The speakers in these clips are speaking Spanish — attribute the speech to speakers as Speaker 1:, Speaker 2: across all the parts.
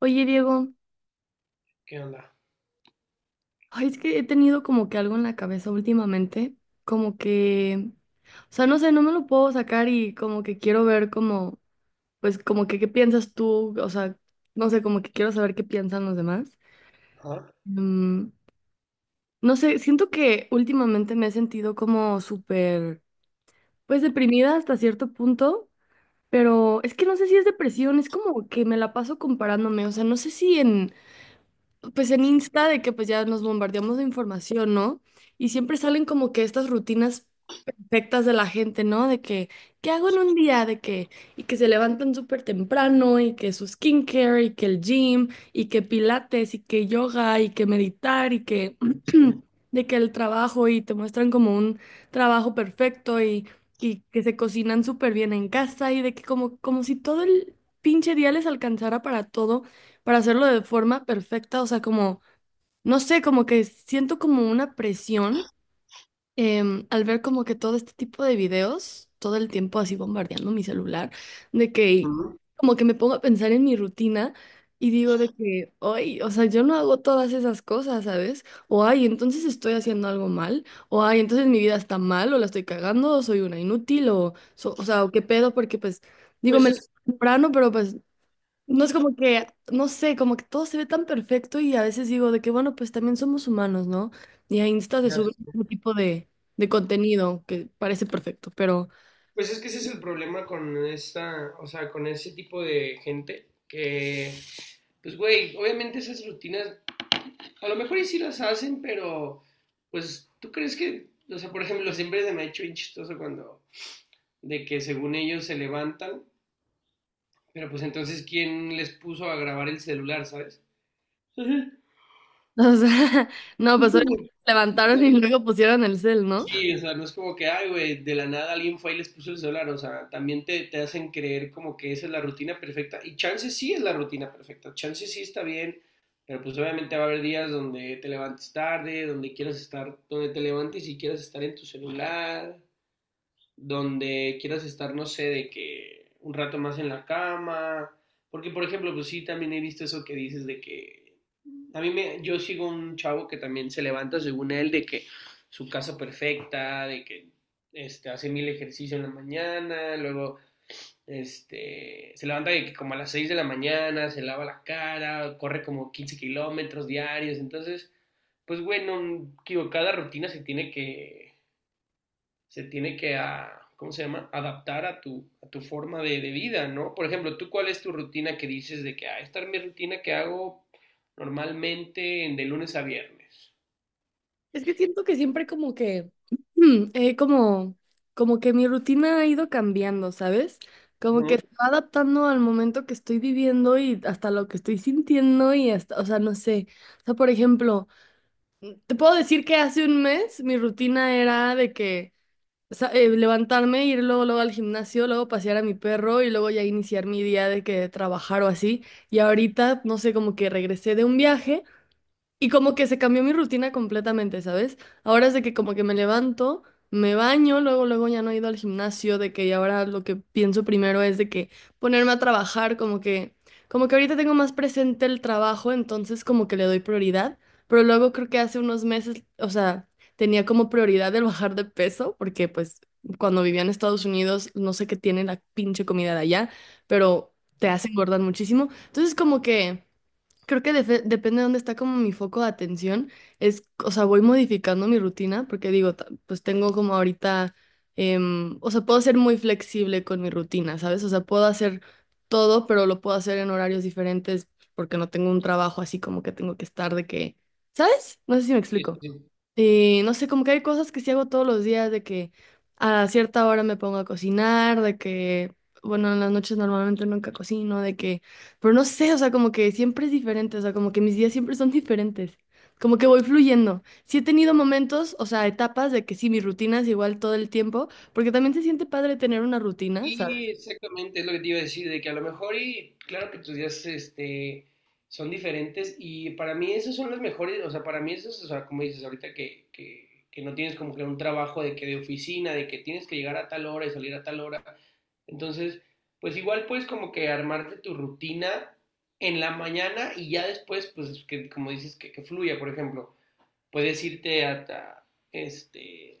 Speaker 1: Oye, Diego,
Speaker 2: ¿Qué onda?
Speaker 1: ay, es que he tenido como que algo en la cabeza últimamente, como que, o sea, no sé, no me lo puedo sacar y como que quiero ver como, pues como que qué piensas tú, o sea, no sé, como que quiero saber qué piensan los demás.
Speaker 2: Ajá.
Speaker 1: Mm, no sé, siento que últimamente me he sentido como súper, pues deprimida hasta cierto punto, pero es que no sé si es depresión, es como que me la paso comparándome, o sea, no sé si en pues en Insta de que pues ya nos bombardeamos de información, ¿no? Y siempre salen como que estas rutinas perfectas de la gente, ¿no? De que, ¿qué hago en un día? De que, y que se levantan súper temprano, y que su skincare, y que el gym, y que pilates, y que yoga, y que meditar, y que, de que el trabajo, y te muestran como un trabajo perfecto, y que se cocinan súper bien en casa, y de que como, como si todo el pinche día les alcanzara para todo para hacerlo de forma perfecta, o sea, como, no sé, como que siento como una presión al ver como que todo este tipo de videos, todo el tiempo así bombardeando mi celular, de que
Speaker 2: Ujú.
Speaker 1: como que me pongo a pensar en mi rutina y digo de que, ay, o sea, yo no hago todas esas cosas, ¿sabes? O ay, entonces estoy haciendo algo mal, o ay, entonces mi vida está mal, o la estoy cagando, o soy una inútil, o, o sea, o qué pedo, porque pues, digo,
Speaker 2: Pues
Speaker 1: me levanto
Speaker 2: es,
Speaker 1: temprano, pero pues no es como que, no sé, como que todo se ve tan perfecto y a veces digo de que, bueno, pues también somos humanos, ¿no? Y a Insta se sube un tipo de contenido que parece perfecto, pero,
Speaker 2: pues es que ese es el problema con esta, o sea, con ese tipo de gente que, pues güey, obviamente esas rutinas, a lo mejor y sí las hacen, pero pues tú crees que, o sea, por ejemplo, siempre se me ha hecho bien chistoso cuando, de que según ellos se levantan, pero pues entonces, ¿quién les puso a grabar el celular, sabes? Ajá.
Speaker 1: o sea, no, pues obviamente levantaron y luego pusieron el cel, ¿no?
Speaker 2: Sí, o sea, no es como que, ay, güey, de la nada alguien fue y les puso el celular, o sea, también te hacen creer como que esa es la rutina perfecta, y chance sí es la rutina perfecta, chance sí está bien, pero pues obviamente va a haber días donde te levantes tarde, donde quieras estar, donde te levantes y quieras estar en tu celular, donde quieras estar, no sé, de que un rato más en la cama, porque por ejemplo, pues sí, también he visto eso que dices de que a mí me, yo sigo un chavo que también se levanta según él de que su casa perfecta, de que hace mil ejercicio en la mañana, luego se levanta de que como a las 6 de la mañana, se lava la cara, corre como 15 kilómetros diarios, entonces, pues bueno, digo, cada rutina se tiene que ¿cómo se llama? Adaptar a tu forma de vida, ¿no? Por ejemplo, ¿tú cuál es tu rutina que dices de que, ah, esta es mi rutina que hago normalmente de lunes a viernes?
Speaker 1: Es que siento que siempre como que, mm, eh, como, como que mi rutina ha ido cambiando, ¿sabes? Como
Speaker 2: Uh
Speaker 1: que se va adaptando al momento que estoy viviendo y hasta lo que estoy sintiendo y hasta, o sea, no sé. O sea, por ejemplo, te puedo decir que hace un mes mi rutina era de que levantarme, ir luego al gimnasio, luego pasear a mi perro y luego ya iniciar mi día de que trabajar o así. Y ahorita, no sé, como que regresé de un viaje y como que se cambió mi rutina completamente, ¿sabes? Ahora es de que como que me levanto, me baño, luego ya no he ido al gimnasio, de que ahora lo que pienso primero es de que ponerme a trabajar, como que ahorita tengo más presente el trabajo, entonces como que le doy prioridad, pero luego creo que hace unos meses, o sea, tenía como prioridad el bajar de peso, porque pues cuando vivía en Estados Unidos, no sé qué tiene la pinche comida de allá, pero te hace engordar muchísimo. Entonces como que creo que depende de dónde está como mi foco de atención. Es, o sea, voy modificando mi rutina porque digo, pues tengo como ahorita, o sea, puedo ser muy flexible con mi rutina, ¿sabes? O sea, puedo hacer todo, pero lo puedo hacer en horarios diferentes porque no tengo un trabajo así como que tengo que estar de que, ¿sabes? No sé si me explico.
Speaker 2: -huh.
Speaker 1: Y no sé, como que hay cosas que sí hago todos los días, de que a cierta hora me pongo a cocinar, de que, bueno, en las noches normalmente nunca cocino, de que, pero no sé, o sea, como que siempre es diferente, o sea, como que mis días siempre son diferentes, como que voy fluyendo. Sí he tenido momentos, o sea, etapas de que sí, mi rutina es igual todo el tiempo, porque también se siente padre tener una rutina, ¿sabes?
Speaker 2: Y exactamente, es lo que te iba a decir, de que a lo mejor y claro que tus días son diferentes y para mí esos son los mejores, o sea, para mí esos, o sea, como dices ahorita que, que no tienes como que un trabajo de que de oficina, de que tienes que llegar a tal hora y salir a tal hora. Entonces, pues igual puedes como que armarte tu rutina en la mañana y ya después, pues que como dices, que fluya, por ejemplo, puedes irte hasta,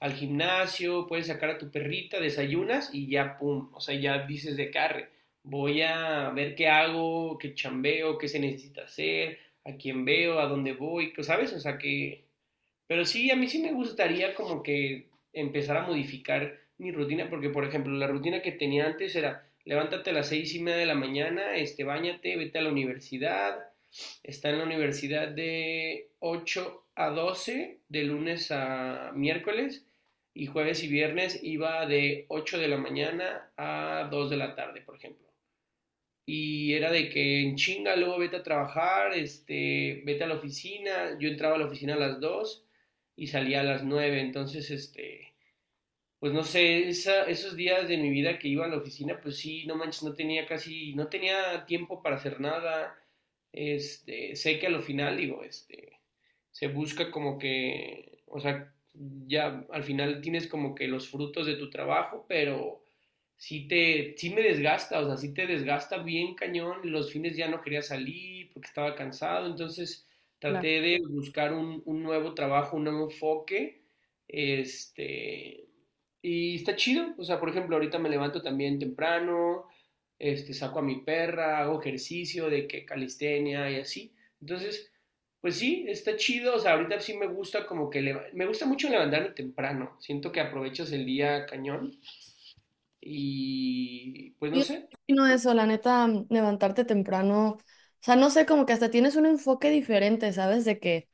Speaker 2: al gimnasio, puedes sacar a tu perrita, desayunas y ya, pum, o sea, ya dices de carre, voy a ver qué hago, qué chambeo, qué se necesita hacer, a quién veo, a dónde voy, ¿sabes? O sea, que pero sí, a mí sí me gustaría como que empezar a modificar mi rutina, porque por ejemplo, la rutina que tenía antes era levántate a las 6:30 de la mañana, báñate, vete a la universidad, está en la universidad de 8 a 12 de lunes a miércoles, y jueves y viernes iba de 8 de la mañana a 2 de la tarde, por ejemplo. Y era de que en chinga, luego vete a trabajar, vete a la oficina. Yo entraba a la oficina a las 2 y salía a las 9. Entonces, pues no sé, esos días de mi vida que iba a la oficina, pues sí, no manches, no tenía casi, no tenía tiempo para hacer nada. Sé que a lo final digo, se busca como que, o sea, ya al final tienes como que los frutos de tu trabajo, pero sí te, sí me desgasta, o sea, sí te desgasta bien cañón, los fines ya no quería salir porque estaba cansado, entonces
Speaker 1: Claro.
Speaker 2: traté de buscar un nuevo trabajo, un nuevo enfoque, este, y está chido, o sea, por ejemplo, ahorita me levanto también temprano, saco a mi perra, hago ejercicio de que calistenia y así. Entonces, pues sí, está chido, o sea, ahorita sí me gusta como que me gusta mucho levantarme temprano. Siento que aprovechas el día cañón y pues no
Speaker 1: Yo
Speaker 2: sé,
Speaker 1: no eso, la neta, levantarte temprano, o sea, no sé, como que hasta tienes un enfoque diferente, ¿sabes? De que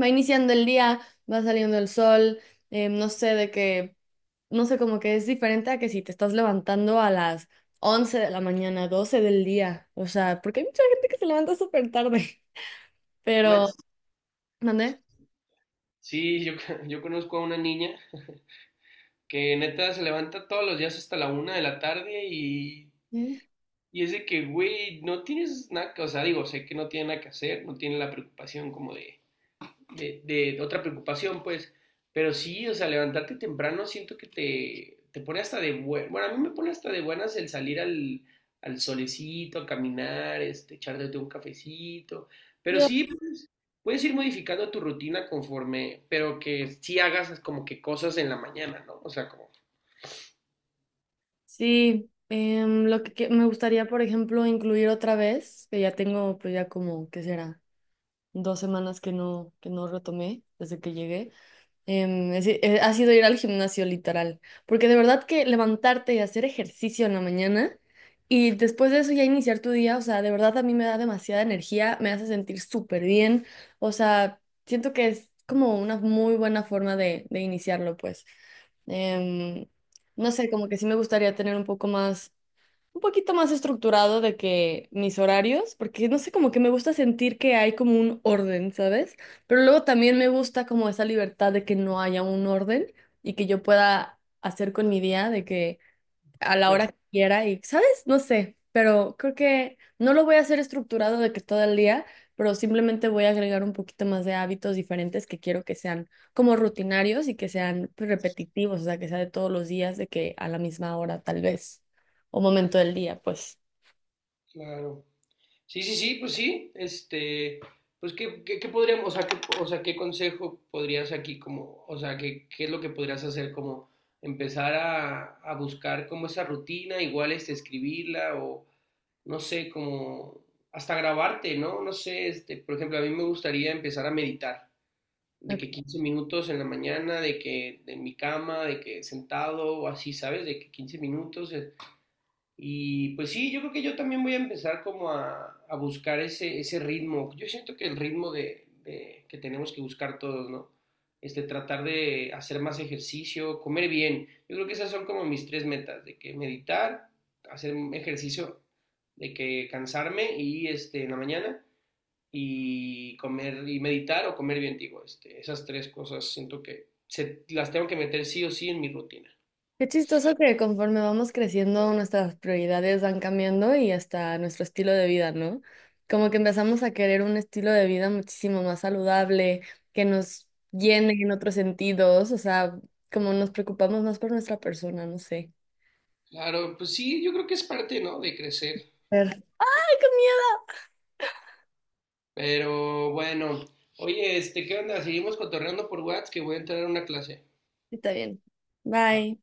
Speaker 1: va iniciando el día, va saliendo el sol, no sé de qué, no sé, como que es diferente a que si te estás levantando a las 11 de la mañana, 12 del día, o sea, porque hay mucha gente que se levanta súper tarde, pero,
Speaker 2: manches.
Speaker 1: ¿mandé?
Speaker 2: Sí, yo, yo conozco a una niña que neta se levanta todos los días hasta la 1 de la tarde y
Speaker 1: ¿Eh?
Speaker 2: Y es de que, güey, no tienes nada, o sea, digo, sé que no tiene nada que hacer, no tiene la preocupación como de, de otra preocupación, pues, pero sí, o sea, levantarte temprano siento que te pone hasta de buenas, bueno, a mí me pone hasta de buenas el salir al solecito, a caminar, echarte un cafecito, pero
Speaker 1: Yo,
Speaker 2: sí, puedes ir modificando tu rutina conforme, pero que sí hagas como que cosas en la mañana, ¿no? O sea, como...
Speaker 1: sí, lo que me gustaría, por ejemplo, incluir otra vez, que ya tengo, pues ya como, ¿qué será? Dos semanas que no retomé desde que llegué. Ha sido ir al gimnasio literal, porque de verdad que levantarte y hacer ejercicio en la mañana y después de eso ya iniciar tu día, o sea, de verdad a mí me da demasiada energía, me hace sentir súper bien, o sea, siento que es como una muy buena forma de iniciarlo, pues. Em, no sé, como que sí me gustaría tener un poquito más estructurado de que mis horarios, porque no sé, como que me gusta sentir que hay como un orden, ¿sabes? Pero luego también me gusta como esa libertad de que no haya un orden y que yo pueda hacer con mi día, de que a la hora
Speaker 2: Pues,
Speaker 1: que quiera y, ¿sabes? No sé, pero creo que no lo voy a hacer estructurado de que todo el día, pero simplemente voy a agregar un poquito más de hábitos diferentes que quiero que sean como rutinarios y que sean pues, repetitivos, o sea, que sea de todos los días, de que a la misma hora tal vez, o momento del día, pues.
Speaker 2: claro. Sí, sí, sí, pues sí. Pues qué podríamos, o sea, qué, o sea, qué, consejo podrías aquí como, o sea, qué es lo que podrías hacer como empezar a buscar como esa rutina, igual escribirla o no sé, como hasta grabarte, ¿no? No sé, por ejemplo, a mí me gustaría empezar a meditar, de que 15 minutos en la mañana, de que en mi cama, de que sentado o así, ¿sabes? De que 15 minutos, y pues sí, yo creo que yo también voy a empezar como a buscar ese ritmo. Yo siento que el ritmo de que tenemos que buscar todos, ¿no? Tratar de hacer más ejercicio, comer bien. Yo creo que esas son como mis tres metas, de que meditar, hacer un ejercicio, de que cansarme y en la mañana y comer y meditar o comer bien, digo, esas tres cosas siento que se, las tengo que meter sí o sí en mi rutina.
Speaker 1: Qué chistoso que conforme vamos creciendo, nuestras prioridades van cambiando y hasta nuestro estilo de vida, ¿no? Como que empezamos a querer un estilo de vida muchísimo más saludable, que nos llene en otros sentidos, o sea, como nos preocupamos más por nuestra persona, no sé.
Speaker 2: Claro, pues sí, yo creo que es parte, ¿no? De crecer.
Speaker 1: Ay, qué miedo.
Speaker 2: Pero bueno, oye, ¿qué onda? Seguimos cotorreando por WhatsApp que voy a entrar a una clase.
Speaker 1: Está bien. Bye.